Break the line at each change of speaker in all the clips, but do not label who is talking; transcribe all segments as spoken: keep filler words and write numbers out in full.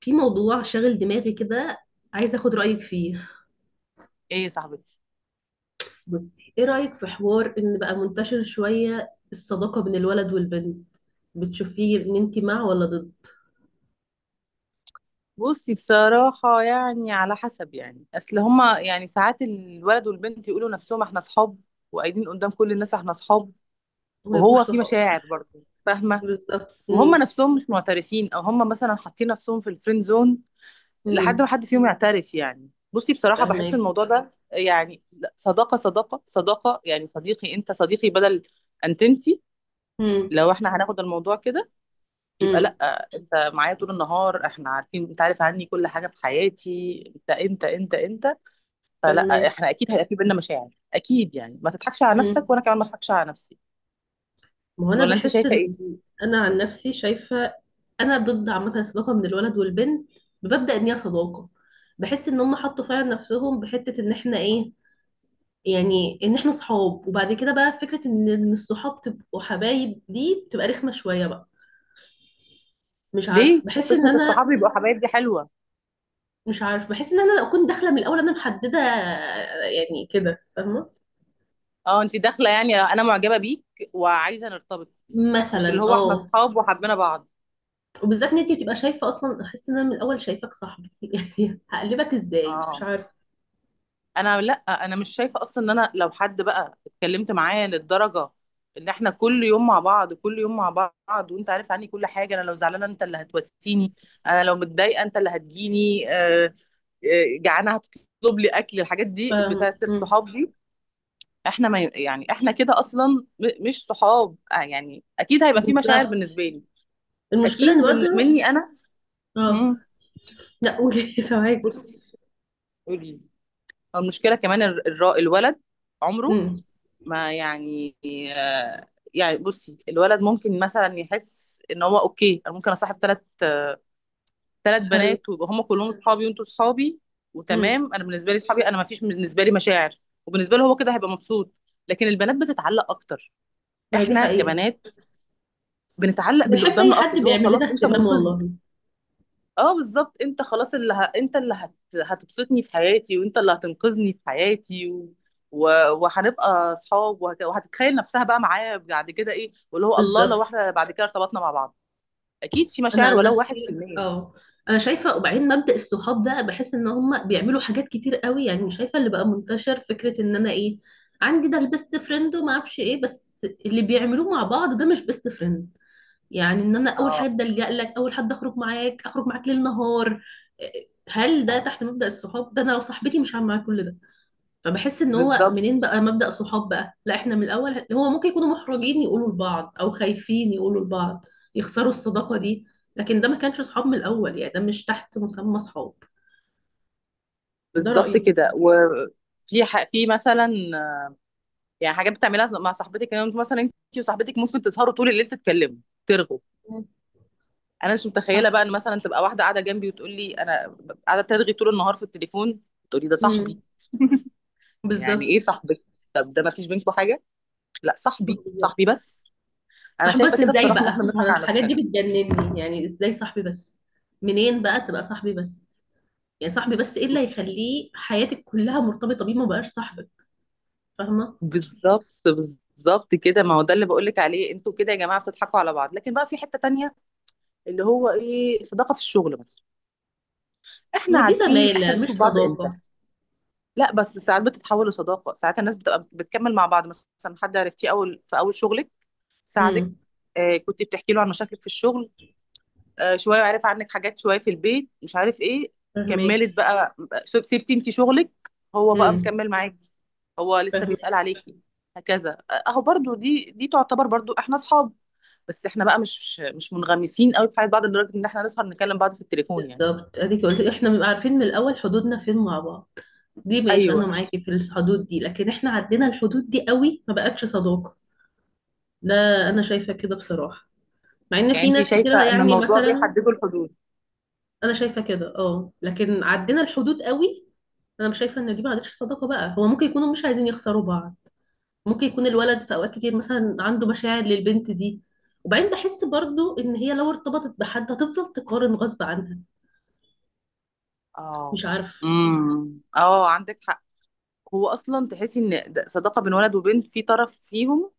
في موضوع شاغل دماغي كده، عايزة اخد رأيك فيه.
ايه يا صاحبتي؟
بصي، ايه رأيك في حوار ان بقى منتشر شوية الصداقة بين الولد والبنت؟ بتشوفيه ان انتي مع ولا ضد؟
بصي، بصراحة يعني على حسب، يعني أصل هما يعني ساعات الولد والبنت يقولوا نفسهم احنا صحاب، وقايلين قدام كل الناس احنا صحاب،
وما يبقوش
وهو في
صحاب.
مشاعر برضه، فاهمة؟
بالظبط.
وهما
امم.
نفسهم مش معترفين، أو هما مثلا حاطين نفسهم في الفريند زون لحد ما
امم.
حد فيهم يعترف. يعني بصي بصراحة بحس
فاهماكي.
الموضوع ده يعني لا، صداقة صداقة صداقة، يعني صديقي، أنت صديقي، بدل أنت أنتي.
امم.
لو احنا هناخد الموضوع كده يبقى
امم.
لا، انت معايا طول النهار، احنا عارفين، انت عارف عني كل حاجه في حياتي، انت انت انت انت. فلا،
فاهماكي.
احنا اكيد هيبقى في بينا مشاعر، اكيد، يعني ما تضحكش على
امم.
نفسك وانا كمان ما اضحكش على نفسي.
ما هو انا
ولا انت
بحس
شايفه ايه؟
ان. انا عن نفسي شايفة. انا ضد عامة الصداقة من الولد والبنت، بمبدأ ان هي صداقة. بحس ان هم حطوا فعلا نفسهم بحتة ان احنا ايه، يعني ان احنا صحاب. وبعد كده بقى فكرة ان إن الصحاب تبقوا حبايب دي بتبقى رخمة شوية بقى. مش عارف،
ليه
بحس ان
فكره
انا.
الصحاب يبقوا حبايب دي حلوه؟
مش عارف، بحس ان انا لو كنت داخلة من الاول انا محددة، يعني كده، فاهمة؟
اه، انت داخله يعني انا معجبه بيك وعايزه نرتبط، مش اللي
مثلا،
هو احنا
اه.
اصحاب وحبينا بعض.
وبالذات ان انت بتبقى شايفة اصلا، احس ان انا من الاول شايفاك صاحبي، يعني هقلبك ازاي؟ مش
اه،
عارف.
انا، لا، انا مش شايفه اصلا ان انا لو حد بقى اتكلمت معاه للدرجه ان احنا كل يوم مع بعض كل يوم مع بعض، وانت عارف عني كل حاجه، انا لو زعلانه انت اللي هتوسيني، انا لو متضايقه انت اللي هتجيني، آه، آه، جعانه هتطلب لي اكل، الحاجات دي
فاهم.
بتاعت
مم.
الصحاب دي. احنا ما ي- يعني احنا كده اصلا م- مش صحاب، آه، يعني اكيد هيبقى في مشاعر
بالظبط.
بالنسبه لي،
المشكلة ان
اكيد بن...
برضه.
مني انا.
اه.
مم.
لا، قولي. سامعاكي.
بصي، قولي. المشكله كمان الر- الر- الولد عمره
امم.
ما يعني، آه، يعني بصي، الولد ممكن مثلا يحس ان هو اوكي، انا ممكن اصاحب ثلاث ثلاث
حلو.
بنات، ويبقى هم كلهم صحابي وانتوا صحابي
امم.
وتمام، انا بالنسبه لي صحابي، انا ما فيش بالنسبه لي مشاعر، وبالنسبه له هو كده هيبقى مبسوط. لكن البنات بتتعلق اكتر،
ما هي دي
احنا
حقيقة.
كبنات بنتعلق باللي
بنحب اي
قدامنا اكتر،
حد
اللي هو
بيعمل
خلاص
لنا
انت
اهتمام،
منقذني.
والله.
اه بالظبط، انت خلاص اللي ه... انت اللي هت... هتبسطني في حياتي، وانت اللي هتنقذني في حياتي، و... و... وهنبقى اصحاب، وهك... وهتتخيل نفسها بقى معايا بعد كده ايه، واللي هو الله لو
بالظبط.
احنا بعد كده ارتبطنا مع بعض، اكيد في
انا
مشاعر،
عن
ولو واحد في
نفسي،
المية.
اه. انا شايفه، وبعدين مبدأ الصحاب ده بحس ان هم بيعملوا حاجات كتير قوي، يعني شايفه اللي بقى منتشر فكره ان انا ايه. عندي ده البيست فريند وما اعرفش ايه، بس اللي بيعملوه مع بعض ده مش بيست فريند. يعني ان انا اول
اه
حد الجأ لك، اول حد اخرج معاك، اخرج معاك ليل نهار. آه، هل ده تحت مبدأ الصحاب ده؟ انا لو صاحبتي مش هعمل معاك كل ده. فبحس ان هو
بالظبط،
منين بقى مبدأ صحاب بقى، لا احنا من الاول، هو ممكن يكونوا محرجين يقولوا لبعض، او خايفين يقولوا لبعض يخسروا الصداقة دي. لكن ده ما كانش صحاب من الاول، يعني ده مش تحت مسمى صحاب. ده
بالظبط
رأيي.
كده. وفي ح... في مثلا، يعني حاجات بتعملها مع صاحبتك، يعني مثلا انت وصاحبتك ممكن تسهروا طول الليل، تتكلموا، ترغوا.
مم.
انا مش متخيله
صح.
بقى ان مثلا تبقى واحده قاعده جنبي وتقول لي انا قاعده ترغي طول النهار في التليفون، تقولي ده صاحبي.
امم.
يعني ايه
بالظبط،
صاحبك؟ طب ده ما فيش بينكم حاجه؟ لا، صاحبي
بالظبط.
صاحبي بس. انا
صح،
شايفه
بس
كده
ازاي
بصراحه ان احنا
بقى؟ ما انا
بنضحك على
الحاجات دي
نفسنا.
بتجنني، يعني ازاي صاحبي بس؟ منين بقى تبقى صاحبي بس؟ يعني صاحبي بس، ايه اللي هيخليه حياتك كلها مرتبطة بيه؟ ما بقاش صاحبك، فاهمة؟
بالظبط بالظبط كده، ما هو ده اللي بقول لك عليه، انتوا كده يا جماعه بتضحكوا على بعض، لكن بقى في حته تانية اللي هو ايه، صداقه في الشغل مثلا،
ما
احنا
هي دي
عارفين احنا
زمالة مش
بنشوف بعض امتى.
صداقة.
لا، بس ساعات بتتحول لصداقه، ساعات الناس بتبقى بتكمل مع بعض، مثلا حد عرفتيه اول في اول شغلك، ساعدك،
امم.
آه كنت بتحكي له عن مشاكلك في الشغل، آه، شويه عارف عنك حاجات، شويه في البيت، مش عارف ايه،
فاهمك.
كملت بقى، سب- سبتي انت شغلك، هو بقى
امم.
مكمل معاكي، هو لسه
فاهمين.
بيسأل عليكي. هكذا، آه، اهو برضو، دي دي تعتبر برضو احنا اصحاب، بس احنا بقى مش مش منغمسين قوي في حياه بعض لدرجه ان احنا نسهر نكلم بعض في التليفون يعني.
بالظبط، اديك قلت احنا بنبقى عارفين من الاول حدودنا فين مع بعض. دي ماشي، انا
ايوه،
معاكي في الحدود دي، لكن احنا عدينا الحدود دي قوي، ما بقتش صداقة. ده. انا شايفة كده بصراحة. مع ان
يعني
في
انت
ناس
شايفه
كتير،
ان
يعني
الموضوع
مثلا.
بيحددوا الحدود؟
انا شايفة كده، اه، لكن عدينا الحدود قوي. انا مش شايفة ان دي ما عادتش صداقة بقى، هو ممكن يكونوا مش عايزين يخسروا بعض. ممكن يكون الولد في اوقات كتير مثلا عنده مشاعر للبنت دي. وبعدين بحس برضو ان هي لو ارتبطت بحد هتفضل تقارن غصب عنها.
اه،
مش عارفة.
امم اه، عندك حق. هو اصلا تحسي ان ده صداقه بين ولد وبنت في طرف فيهم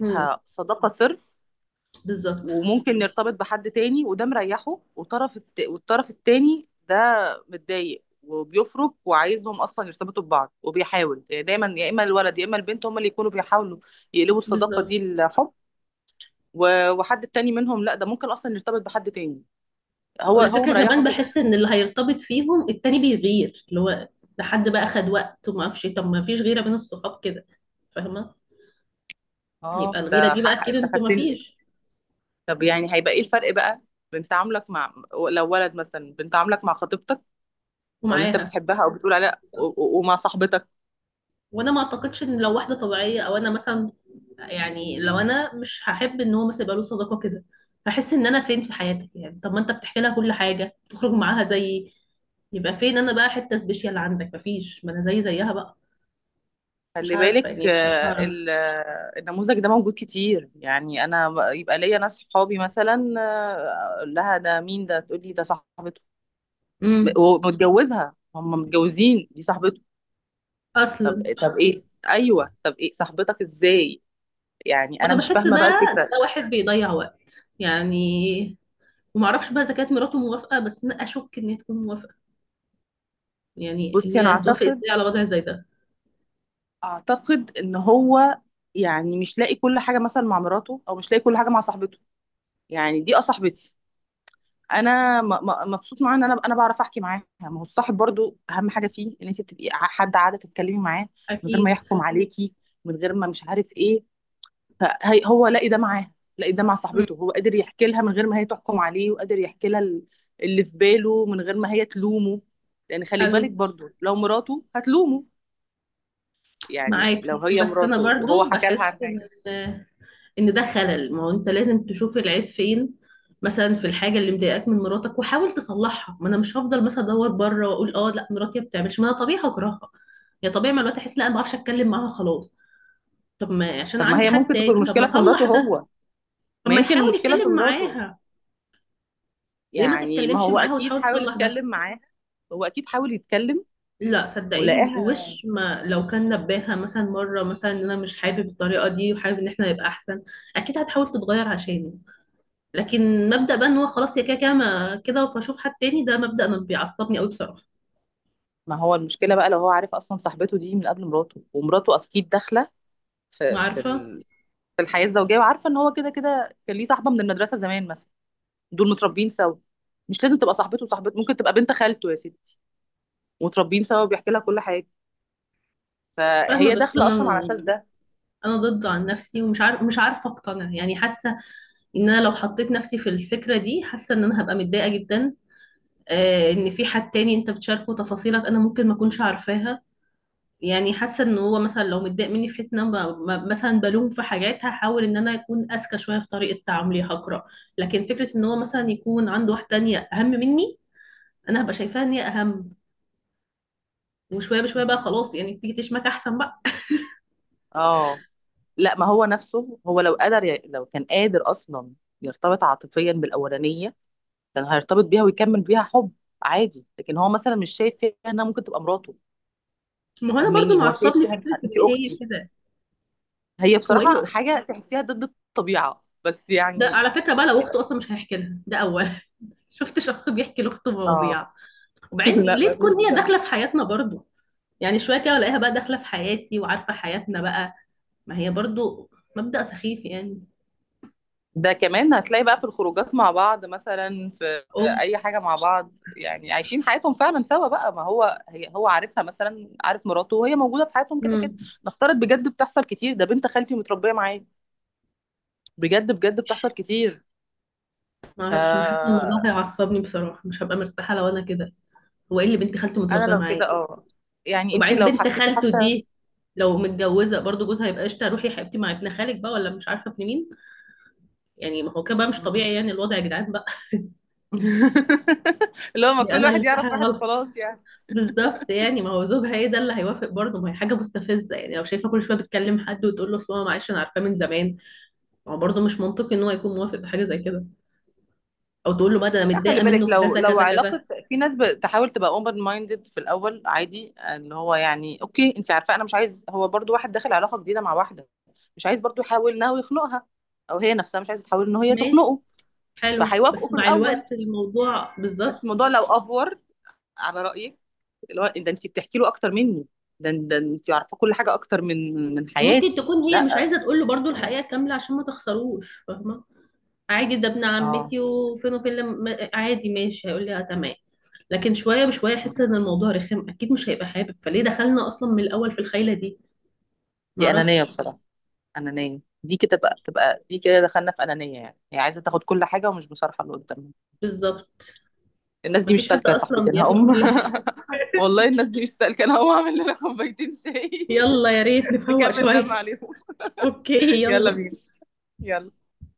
امم.
صداقه صرف،
بالظبط.
وممكن نرتبط بحد تاني وده مريحه، والطرف الت... والطرف التاني ده متضايق وبيفرق، وعايزهم اصلا يرتبطوا ببعض، وبيحاول، يعني دايما يا اما الولد يا اما البنت هما اللي يكونوا بيحاولوا يقلبوا الصداقه
بالظبط.
دي لحب، و- وحد التاني منهم لا، ده ممكن اصلا يرتبط بحد تاني، هو هو
والفكرة
مريحه
كمان
كده.
بحس ان اللي هيرتبط فيهم التاني بيغير، اللي هو ده حد بقى خد وقت وما اعرفش إيه. طب ما فيش غيرة بين الصحاب كده؟ فاهمة؟ يبقى
اه،
الغيرة
ده
دي
ح-
بقى
ح-
اكيد
انت
انتوا ما
خدتني.
فيش.
طب يعني هيبقى ايه الفرق بقى، بين تعاملك مع، لو ولد مثلا، بين تعاملك مع خطيبتك او اللي انت
ومعاها.
بتحبها او بتقول عليها، و-
بالظبط.
و- ومع صاحبتك.
وانا ما اعتقدش ان لو واحدة طبيعية، او انا مثلا، يعني لو انا مش هحب ان هو مثلا يبقى له صداقة كده، هحس ان انا فين في حياتك؟ يعني طب ما انت بتحكي لها كل حاجة، بتخرج معاها زي، يبقى فين انا بقى حتة سبيشال عندك؟ مفيش، ما انا زي زيها بقى. مش
خلي
عارفة،
بالك،
يعني مش
آه،
هعرف.
ال- آه، النموذج ده موجود كتير، يعني انا ب- يبقى ليا ناس صحابي مثلا، آه، اقول لها ده مين، ده تقول لي ده صاحبته،
امم.
ومتجوزها، هم متجوزين، دي صاحبته. طب،
اصلا.
طب ايه، ايوه، طب ايه صاحبتك ازاي، يعني
ما
انا
انا
مش
بحس
فاهمه بقى
بقى
الفكره.
ده واحد بيضيع وقت، يعني. وما اعرفش بقى اذا كانت مراته موافقه، بس انا اشك ان هي تكون موافقه. يعني ان
بصي، انا
هي هتوافق
اعتقد
ازاي على وضع زي ده؟
اعتقد ان هو يعني مش لاقي كل حاجه مثلا مع مراته، او مش لاقي كل حاجه مع صاحبته، يعني دي، اه، صاحبتي، انا م- م- مبسوط معاها، ان انا انا بعرف احكي معاها. ما هو الصاحب برضو اهم حاجه فيه ان انت تبقي ع- حد قاعده تتكلمي معاه من غير ما
اكيد.
يحكم عليكي، من غير ما مش عارف ايه. فهي هو لاقي ده معاها، لاقي ده مع
مم.
صاحبته، هو قادر يحكي لها من غير ما هي تحكم عليه، وقادر يحكي لها ال- اللي في باله من غير ما هي تلومه. لان خلي
حلو.
بالك برضو لو مراته هتلومه، يعني لو
معاكي،
هي
بس انا
مراته وهو
برضو
حكى لها عن
بحس ان
حاجه.
ان ده خلل، ما هو انت لازم تشوف العيب فين، مثلا في الحاجه اللي مضايقاك من مراتك وحاول تصلحها. ما انا مش هفضل مثلا ادور بره واقول اه لا مراتي ما بتعملش، ما انا طبيعي هكرهها، يا طبيعي مع الوقت احس لا ما بعرفش اتكلم معاها خلاص. طب ما عشان
طب ما
عندي
هي
حد
ممكن تكون
تاني، طب ما
المشكله في مراته،
اصلح ده.
هو
طب
ما
ما
يمكن
يحاول
المشكله في
يتكلم
مراته،
معاها، ليه ما
يعني ما
تتكلمش
هو
معاها
اكيد
وتحاول
حاول
تصلح ده؟
يتكلم معاه، هو اكيد حاول يتكلم
لا صدقيني
ولقاها.
وش، ما لو كان نباها مثلا مره، مثلا ان انا مش حابب الطريقه دي وحابب ان احنا نبقى احسن، اكيد هتحاول تتغير عشاني. لكن مبدا بقى ان هو خلاص يا كده كده، ما- كده فاشوف حد تاني، ده مبدا انا بيعصبني قوي بصراحه.
ما هو المشكله بقى لو هو عارف اصلا صاحبته دي من قبل مراته، ومراته اكيد داخله في في
وعارفه.
ال- في الحياه الزوجيه، وعارفه ان هو كده كده كان ليه صاحبه من المدرسه زمان مثلا، دول متربيين سوا. مش لازم تبقى صاحبته، وصاحبته ممكن تبقى بنت خالته يا ستي، ومتربيين سوا وبيحكي لها كل حاجه،
فاهمه،
فهي
بس
داخله
انا.
اصلا على اساس ده.
انا ضد عن نفسي، ومش عارف مش عارفه اقتنع، يعني حاسه ان انا لو حطيت نفسي في الفكره دي، حاسه ان انا هبقى متضايقه جدا. آه، ان في حد تاني انت بتشاركه تفاصيلك انا ممكن ما اكونش عارفاها. يعني حاسه ان هو مثلا لو متضايق مني في حته، ان انا ب- ب- مثلا بلوم في حاجات، هحاول ان انا اكون اذكى شويه في طريقه تعاملي، هقرا. لكن فكره ان هو مثلا يكون عنده واحده تانية اهم مني، انا هبقى شايفاها ان هي اهم، وشويه بشويه بقى
ما-
خلاص، يعني تيجي تشمك احسن بقى.
اه، لا، ما هو نفسه، هو لو قدر ي... لو كان قادر اصلا يرتبط عاطفيا بالاولانيه كان هيرتبط بيها ويكمل بيها حب عادي، لكن هو مثلا مش شايف فيها انها ممكن تبقى مراته.
ما هو انا برضو
فاهماني، هو شايف
معصبني
فيها
فكره
إنها-
ان
انت
هي
اختي،
كده.
هي
هو ايه اللي
بصراحة
أخت-
حاجة تحسيها ضد الطبيعة بس
ده
يعني.
على فكره بقى، لو اخته اصلا مش هيحكي لها ده اول. شفت شخص بيحكي لاخته
اه.
مواضيع؟ وبعدين
لا،
ليه
ما
تكون
فيش
هي
بصراحة.
داخله في حياتنا برضو؟ يعني شويه كده الاقيها بقى داخله في حياتي وعارفه حياتنا بقى. ما هي برضو مبدأ سخيف يعني.
ده كمان هتلاقي بقى في الخروجات مع بعض مثلا، في
او.
اي حاجة مع بعض، يعني عايشين حياتهم فعلا سوا بقى، ما هو هي هو عارفها، مثلا عارف مراته وهي موجودة في حياتهم كده كده.
امم.
نفترض، بجد بتحصل كتير، ده بنت خالتي متربية معايا، بجد بجد بتحصل كتير.
ما اعرفش، انا حاسه إن الموضوع
آه،
هيعصبني بصراحه، مش هبقى مرتاحه لو انا كده. هو ايه اللي بنت خالته
انا
متربيه
لو
معاه؟
كده، اه، يعني انتي
وبعدين
لو
بنت
حسيتي
خالته
حتى.
دي، لو متجوزه برضو، جوزها هيبقى قشطه؟ روحي يا حبيبتي مع ابن خالك بقى، ولا مش عارفه ابن مين. يعني ما هو كده بقى مش
مم.
طبيعي، يعني الوضع يا جدعان بقى.
اللي هو ما
دي
كل
انا اللي
واحد
في
يعرف
حاجه
واحد
غلط.
وخلاص يعني.
بالظبط، يعني ما هو زوجها ايه ده اللي هيوافق برضه؟ ما هي حاجه مستفزه يعني، لو شايفه كل شويه بتكلم حد وتقول له اصل هو معلش انا عارفاه من زمان. ما هو برضه مش منطقي ان هو يكون موافق بحاجه زي كده، او تقول له بقى ده انا
لا، خلي
متضايقه
بالك
منه في
لو
كذا
لو
كذا كذا.
علاقة، في ناس بتحاول تبقى اوبن مايندد في الاول عادي، اللي هو يعني اوكي، انت عارفة انا مش عايز، هو برضو واحد داخل علاقة جديدة مع واحدة، مش عايز برضو يحاول انه يخنقها، او هي نفسها مش عايزة تحاول ان هي
ماشي.
تخنقه،
حلو،
فهيوافقوا
بس
في
مع
الاول،
الوقت الموضوع
بس
بالظبط.
الموضوع لو افور على رأيك، اللي هو ده انت بتحكي له اكتر مني، ده ده انت عارفة كل حاجة اكتر من من
وممكن
حياتي،
تكون هي مش
لا،
عايزه تقول له برضو الحقيقه كامله عشان ما تخسروش، فاهمه؟ عادي ده ابن
اه.
عمتي وفين وفين، لما عادي ماشي هيقول لي اه تمام. لكن شويه بشويه يحس ان الموضوع رخم، اكيد مش هيبقى حابب، فليه دخلنا اصلا من الاول في الخيله دي؟
دي انانيه
معرفش.
بصراحه، انانيه دي كده بقى، تبقى دي كده دخلنا في انانيه، يعني هي عايزه تاخد كل حاجه ومش مصالحه اللي قدامها.
بالظبط.
الناس دي مش
مفيش حد
سالكه يا
اصلا
صاحبتي، انا
بياخد
هقوم.
كل حاجه.
والله الناس دي مش سالكه، انا هقوم اعمل لنا كوبايتين شاي.
يلا، يا ريت نفوق
نكمل لما
شويه.
عليهم.
اوكي.
يلا
يلا.
بينا. يلا.